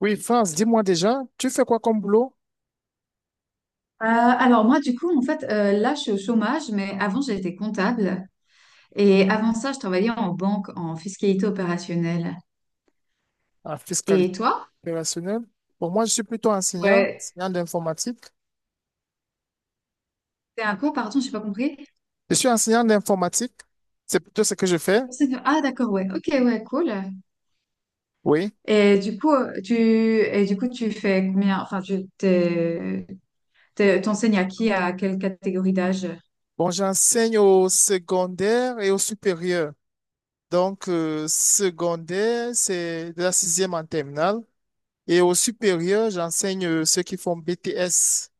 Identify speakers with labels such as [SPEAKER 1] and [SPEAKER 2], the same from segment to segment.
[SPEAKER 1] Oui, France, dis-moi déjà, tu fais quoi comme boulot
[SPEAKER 2] Alors moi, je suis au chômage, mais avant, j'étais comptable. Et avant ça, je travaillais en banque, en fiscalité opérationnelle.
[SPEAKER 1] en fiscalité
[SPEAKER 2] Et toi?
[SPEAKER 1] opérationnelle? Pour moi, je suis plutôt enseignant,
[SPEAKER 2] Ouais.
[SPEAKER 1] enseignant d'informatique.
[SPEAKER 2] C'est un quoi, pardon, j'ai pas compris.
[SPEAKER 1] Je suis enseignant d'informatique. C'est plutôt ce que je fais.
[SPEAKER 2] Ah, d'accord, ouais. Ok, ouais, cool.
[SPEAKER 1] Oui.
[SPEAKER 2] Et du coup, tu, et du coup, tu fais combien? Enfin, t'enseignes à qui, à quelle catégorie d'âge?
[SPEAKER 1] Bon, j'enseigne au secondaire et au supérieur. Donc, secondaire, c'est de la sixième en terminale. Et au supérieur, j'enseigne ceux qui font BTS.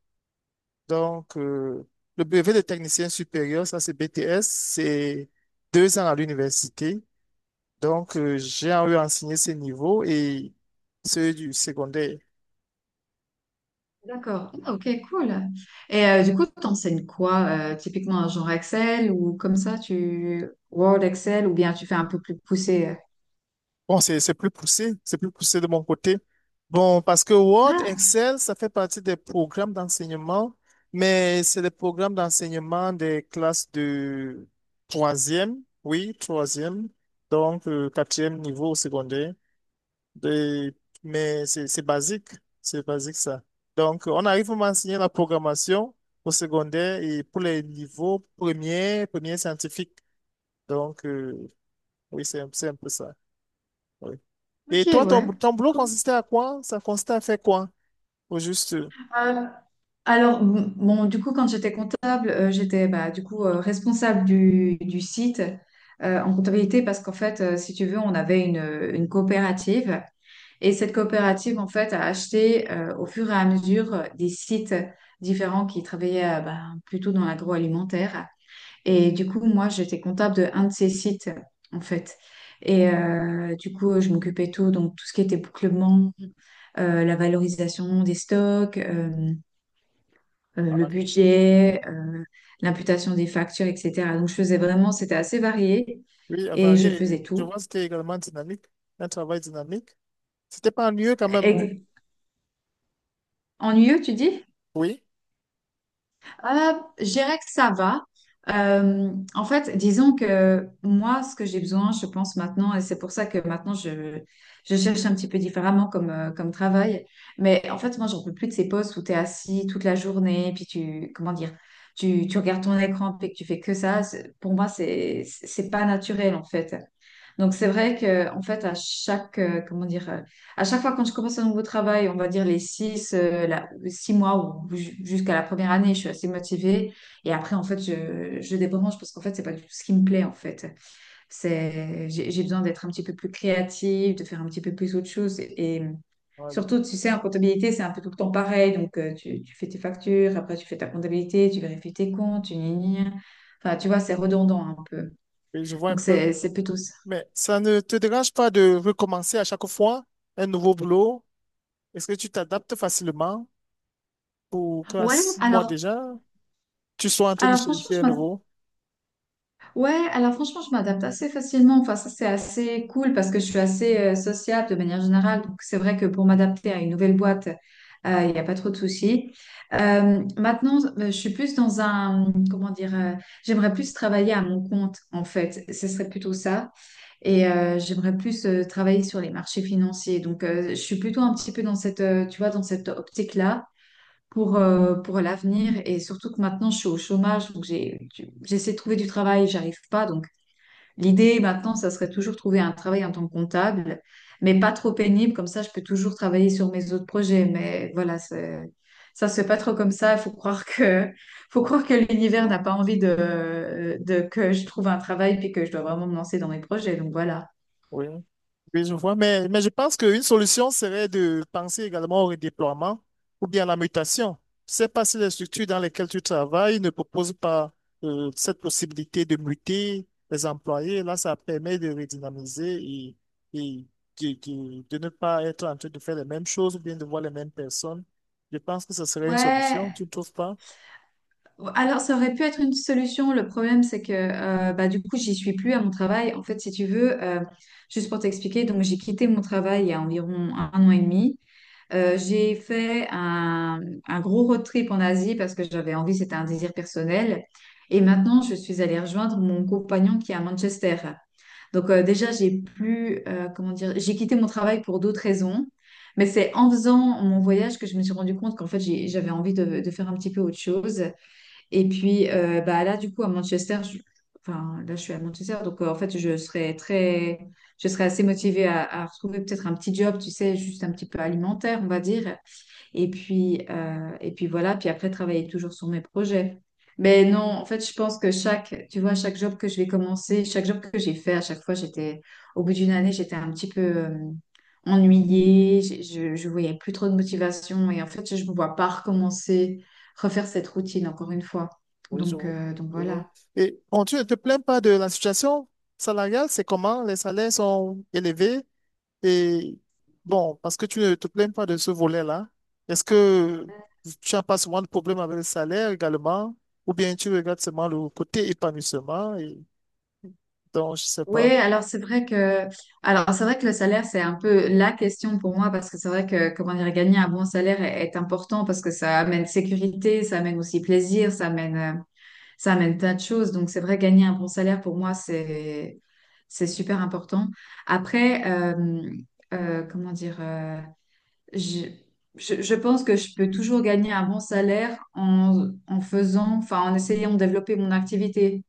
[SPEAKER 1] Donc, le brevet de technicien supérieur, ça c'est BTS, c'est 2 ans à l'université. Donc, j'ai eu enseigné ces niveaux et ceux du secondaire.
[SPEAKER 2] D'accord. Ah, ok, cool. Et t'enseignes quoi? Typiquement, genre Excel ou comme ça, tu Word, Excel, ou bien tu fais un peu plus poussé?
[SPEAKER 1] Bon, c'est plus poussé, c'est plus poussé de mon côté. Bon, parce que Word,
[SPEAKER 2] Ah,
[SPEAKER 1] Excel, ça fait partie des programmes d'enseignement, mais c'est des programmes d'enseignement des classes de troisième, oui, troisième, donc quatrième niveau au secondaire. Et- mais c'est basique, c'est basique ça. Donc, on arrive à m'enseigner la programmation au secondaire et pour les niveaux premiers, premiers scientifiques. Donc, oui, c'est un peu ça. Oui. Et
[SPEAKER 2] ok,
[SPEAKER 1] toi, ton,
[SPEAKER 2] ouais.
[SPEAKER 1] ton boulot consistait à quoi? Ça consistait à faire quoi? Au juste.
[SPEAKER 2] Euh, alors, quand j'étais comptable, j'étais responsable du site en comptabilité parce qu'en fait, si tu veux, on avait une coopérative et cette coopérative, en fait, a acheté au fur et à mesure des sites différents qui travaillaient plutôt dans l'agroalimentaire. Et du coup, moi, j'étais comptable de un de ces sites, en fait. Et je m'occupais de tout, donc tout ce qui était bouclement, la valorisation des stocks, le budget, l'imputation des factures, etc. Donc, je faisais vraiment, c'était assez varié
[SPEAKER 1] Oui, à
[SPEAKER 2] et je faisais
[SPEAKER 1] varier. Je
[SPEAKER 2] tout.
[SPEAKER 1] vois que c'était également dynamique, un travail dynamique. C'était pas ennuyeux quand même. Oh.
[SPEAKER 2] Ex- Ennuyeux, tu dis?
[SPEAKER 1] Oui,
[SPEAKER 2] Euh, je dirais que ça va. En fait, disons que moi, ce que j'ai besoin, je pense maintenant, et c'est pour ça que maintenant je cherche un petit peu différemment comme travail. Mais en fait, moi, j'en peux plus de ces postes où tu es assis toute la journée, comment dire, tu regardes ton écran, puis que tu fais que ça. Pour moi, c'est pas naturel, en fait. Donc, c'est vrai que, en fait, comment dire, à chaque fois quand je commence un nouveau travail, on va dire les six mois ou jusqu'à la première année, je suis assez motivée. Et après, en fait, je débranche parce qu'en fait, c'est pas du tout ce qui me plaît, en fait. J'ai besoin d'être un petit peu plus créative, de faire un petit peu plus autre chose. Et
[SPEAKER 1] ah, je
[SPEAKER 2] surtout, tu sais, en comptabilité, c'est un peu tout le temps pareil. Donc, tu fais tes factures, après, tu fais ta comptabilité, tu vérifies tes comptes, tu gna gna gna. Enfin, tu vois, c'est redondant un peu.
[SPEAKER 1] oui, je vois un
[SPEAKER 2] Donc,
[SPEAKER 1] peu.
[SPEAKER 2] c'est plutôt ça.
[SPEAKER 1] Mais ça ne te dérange pas de recommencer à chaque fois un nouveau boulot? Est-ce que tu t'adaptes facilement pour que à
[SPEAKER 2] Ouais,
[SPEAKER 1] 6 mois
[SPEAKER 2] alors,
[SPEAKER 1] déjà, tu sois en train de
[SPEAKER 2] alors franchement,
[SPEAKER 1] chercher un
[SPEAKER 2] je m'intéresse
[SPEAKER 1] nouveau?
[SPEAKER 2] Ouais, alors franchement, je m'adapte assez facilement. Enfin, ça, c'est assez cool parce que je suis assez sociable de manière générale. Donc, c'est vrai que pour m'adapter à une nouvelle boîte, il n'y a pas trop de soucis. Maintenant, je suis plus dans un, comment dire, j'aimerais plus travailler à mon compte, en fait. Ce serait plutôt ça. Et j'aimerais plus travailler sur les marchés financiers. Donc, je suis plutôt un petit peu dans cette, tu vois, dans cette optique-là pour l'avenir. Et surtout que maintenant, je suis au chômage, donc j'ai, j'essaie de trouver du travail, j'arrive pas. Donc, l'idée maintenant, ça serait toujours trouver un travail en tant que comptable, mais pas trop pénible, comme ça je peux toujours travailler sur mes autres projets. Mais voilà, ça se fait pas trop comme ça. Il faut croire que, faut croire que l'univers n'a pas envie de que je trouve un travail puis que je dois vraiment me lancer dans mes projets. Donc voilà.
[SPEAKER 1] Oui. Oui, je vois. Mais je pense qu'une solution serait de penser également au redéploiement ou bien à la mutation. Je sais pas si les structures dans lesquelles tu travailles ne proposent pas cette possibilité de muter les employés. Là, ça permet de redynamiser et de ne pas être en train de faire les mêmes choses ou bien de voir les mêmes personnes. Je pense que ce serait une solution, tu
[SPEAKER 2] Ouais,
[SPEAKER 1] ne trouves pas?
[SPEAKER 2] alors ça aurait pu être une solution. Le problème, c'est que du coup, j'y suis plus à mon travail. En fait, si tu veux, juste pour t'expliquer, donc j'ai quitté mon travail il y a environ un an et demi. J'ai fait un gros road trip en Asie parce que j'avais envie, c'était un désir personnel. Et maintenant, je suis allée rejoindre mon compagnon qui est à Manchester. Donc déjà, j'ai plus, comment dire, j'ai quitté mon travail pour d'autres raisons. Mais c'est en faisant mon voyage que je me suis rendu compte qu'en fait, j'avais envie de faire un petit peu autre chose. Et puis là, enfin, là, je suis à Manchester, donc en fait, je serais assez motivée à retrouver peut-être un petit job, tu sais, juste un petit peu alimentaire, on va dire, et puis voilà, puis après, travailler toujours sur mes projets. Mais non, en fait, je pense que chaque, tu vois, chaque job que je vais commencer, chaque job que j'ai fait, à chaque fois, j'étais, au bout d'une année, j'étais un petit peu ennuyée, je voyais plus trop de motivation. Et en fait, je ne me vois pas recommencer, refaire cette routine encore une fois.
[SPEAKER 1] Oui, je,
[SPEAKER 2] Donc,
[SPEAKER 1] vois.
[SPEAKER 2] donc
[SPEAKER 1] Je vois.
[SPEAKER 2] voilà.
[SPEAKER 1] Et bon, tu ne te plains pas de la situation salariale, c'est comment? Les salaires sont élevés et bon, parce que tu ne te plains pas de ce volet-là, est-ce que tu n'as pas souvent de problème avec le salaire également ou bien tu regardes seulement le côté épanouissement et donc je ne sais
[SPEAKER 2] Oui,
[SPEAKER 1] pas.
[SPEAKER 2] alors c'est vrai que alors c'est vrai que le salaire c'est un peu la question pour moi parce que c'est vrai que comment dire gagner un bon salaire est important parce que ça amène sécurité, ça amène aussi plaisir, ça amène plein de choses. Donc c'est vrai gagner un bon salaire pour moi c'est super important. Après Comment dire je, je pense que je peux toujours gagner un bon salaire en faisant enfin en essayant de développer mon activité.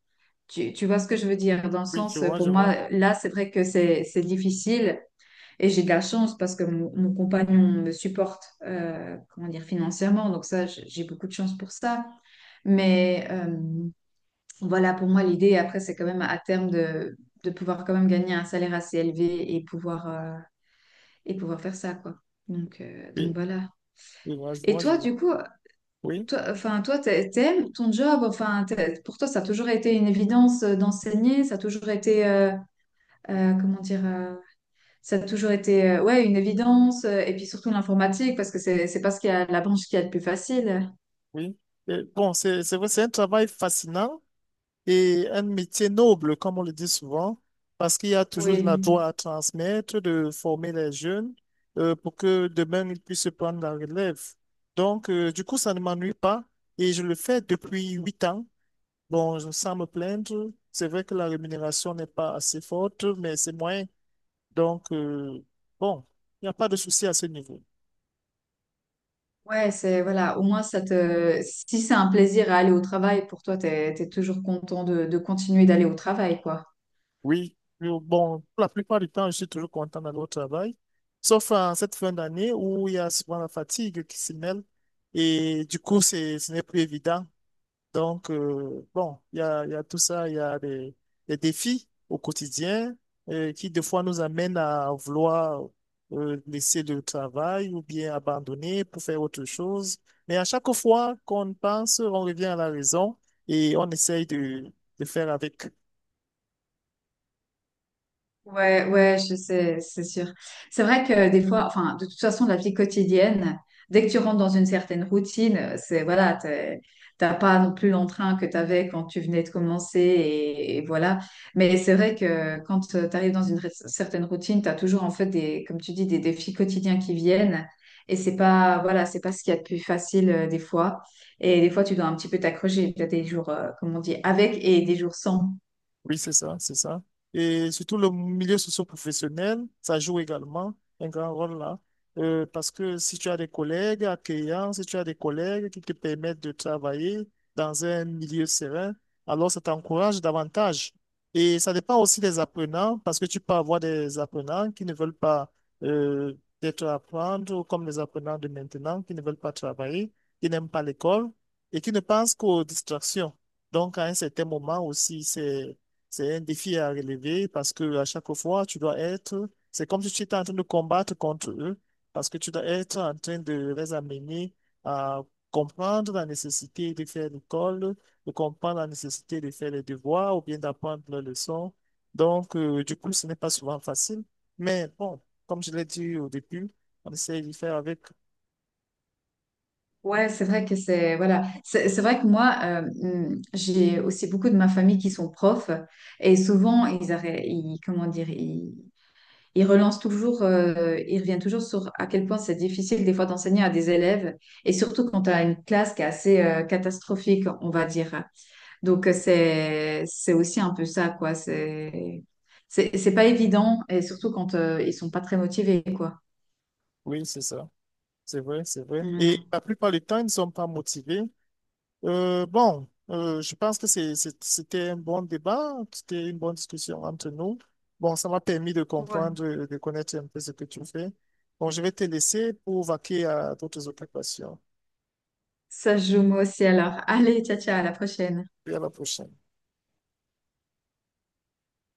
[SPEAKER 2] Tu vois ce que je veux dire? Dans le
[SPEAKER 1] Oui, je
[SPEAKER 2] sens,
[SPEAKER 1] vois,
[SPEAKER 2] pour
[SPEAKER 1] je vois.
[SPEAKER 2] moi, là, c'est vrai que c'est difficile et j'ai de la chance parce que mon compagnon me supporte, comment dire, financièrement. Donc ça, j'ai beaucoup de chance pour ça. Mais voilà, pour moi, l'idée, après, c'est quand même à terme de pouvoir quand même gagner un salaire assez élevé et pouvoir, et pouvoir faire ça, quoi. Donc, donc
[SPEAKER 1] Oui,
[SPEAKER 2] voilà.
[SPEAKER 1] je vois, je
[SPEAKER 2] Et
[SPEAKER 1] vois, je
[SPEAKER 2] toi,
[SPEAKER 1] vois.
[SPEAKER 2] du coup,
[SPEAKER 1] Oui,
[SPEAKER 2] toi, enfin, toi, t'aimes ton job? Enfin, pour toi, ça a toujours été une évidence d'enseigner, ça a toujours été comment dire, ça a toujours été ouais, une évidence, et puis surtout l'informatique, parce que c'est pas ce qu'il y a, la branche qui est le plus facile.
[SPEAKER 1] oui. Et bon, c'est vrai, c'est un travail fascinant. Et un métier noble, comme on le dit souvent, parce qu'il y a toujours de la
[SPEAKER 2] Oui,
[SPEAKER 1] joie à transmettre, de former les jeunes pour que demain ils puissent prendre la relève. Donc, du coup, ça ne m'ennuie pas et je le fais depuis 8 ans. Bon, sans me plaindre, c'est vrai que la rémunération n'est pas assez forte, mais c'est moyen. Donc, bon, il n'y a pas de souci à ce niveau.
[SPEAKER 2] ouais, c'est voilà, au moins ça te, si c'est un plaisir à aller au travail, pour toi, t'es toujours content de continuer d'aller au travail, quoi.
[SPEAKER 1] Oui, bon, pour la plupart du temps, je suis toujours content d'aller au travail, sauf en cette fin d'année où il y a souvent la fatigue qui s'y mêle et du coup, ce n'est plus évident. Donc, bon, il y a tout ça, il y a des défis au quotidien qui, des fois, nous amènent à vouloir laisser le travail ou bien abandonner pour faire autre chose. Mais à chaque fois qu'on pense, on revient à la raison et on essaye de faire avec.
[SPEAKER 2] Ouais, ouais, je sais, c'est sûr. C'est vrai que des fois, enfin, de toute façon, la vie quotidienne, dès que tu rentres dans une certaine routine, c'est voilà, t'as pas non plus l'entrain que tu avais quand tu venais de commencer et voilà. Mais c'est vrai que quand tu arrives dans une certaine routine, tu as toujours en fait des, comme tu dis, des défis quotidiens qui viennent et c'est pas, voilà, c'est pas ce qu'il y a de plus facile des fois. Et des fois, tu dois un petit peu t'accrocher. Tu as des jours, comme on dit, avec et des jours sans.
[SPEAKER 1] Oui, c'est ça, c'est ça. Et surtout le milieu socio-professionnel, ça joue également un grand rôle là. Parce que si tu as des collègues accueillants, si tu as des collègues qui te permettent de travailler dans un milieu serein, alors ça t'encourage davantage. Et ça dépend aussi des apprenants, parce que tu peux avoir des apprenants qui ne veulent pas euh, peut-être apprendre, ou comme les apprenants de maintenant, qui ne veulent pas travailler, qui n'aiment pas l'école et qui ne pensent qu'aux distractions. Donc, à un certain moment aussi, c'est un défi à relever parce que à chaque fois, tu dois être, c'est comme si tu étais en train de combattre contre eux, parce que tu dois être en train de les amener à comprendre la nécessité de faire l'école, de comprendre la nécessité de faire les devoirs ou bien d'apprendre leurs leçons. Donc, du coup, ce n'est pas souvent facile. Mais bon, comme je l'ai dit au début, on essaie d'y faire avec.
[SPEAKER 2] Ouais, c'est vrai que c'est voilà, c'est vrai que moi j'ai aussi beaucoup de ma famille qui sont profs et souvent ils, arrêt- ils comment dire ils, ils relancent toujours ils reviennent toujours sur à quel point c'est difficile des fois d'enseigner à des élèves et surtout quand tu as une classe qui est assez catastrophique on va dire. Donc c'est aussi un peu ça quoi, c'est pas évident et surtout quand ils sont pas très motivés quoi.
[SPEAKER 1] Oui, c'est ça. C'est vrai, c'est vrai. Et
[SPEAKER 2] Voilà.
[SPEAKER 1] la plupart du temps, ils ne sont pas motivés. Bon, je pense que c'était un bon débat, c'était une bonne discussion entre nous. Bon, ça m'a permis de
[SPEAKER 2] Ouais.
[SPEAKER 1] comprendre, de connaître un peu ce que tu fais. Bon, je vais te laisser pour vaquer à d'autres occupations.
[SPEAKER 2] Ça joue moi aussi alors. Allez, ciao ciao, à la prochaine.
[SPEAKER 1] Et à la prochaine.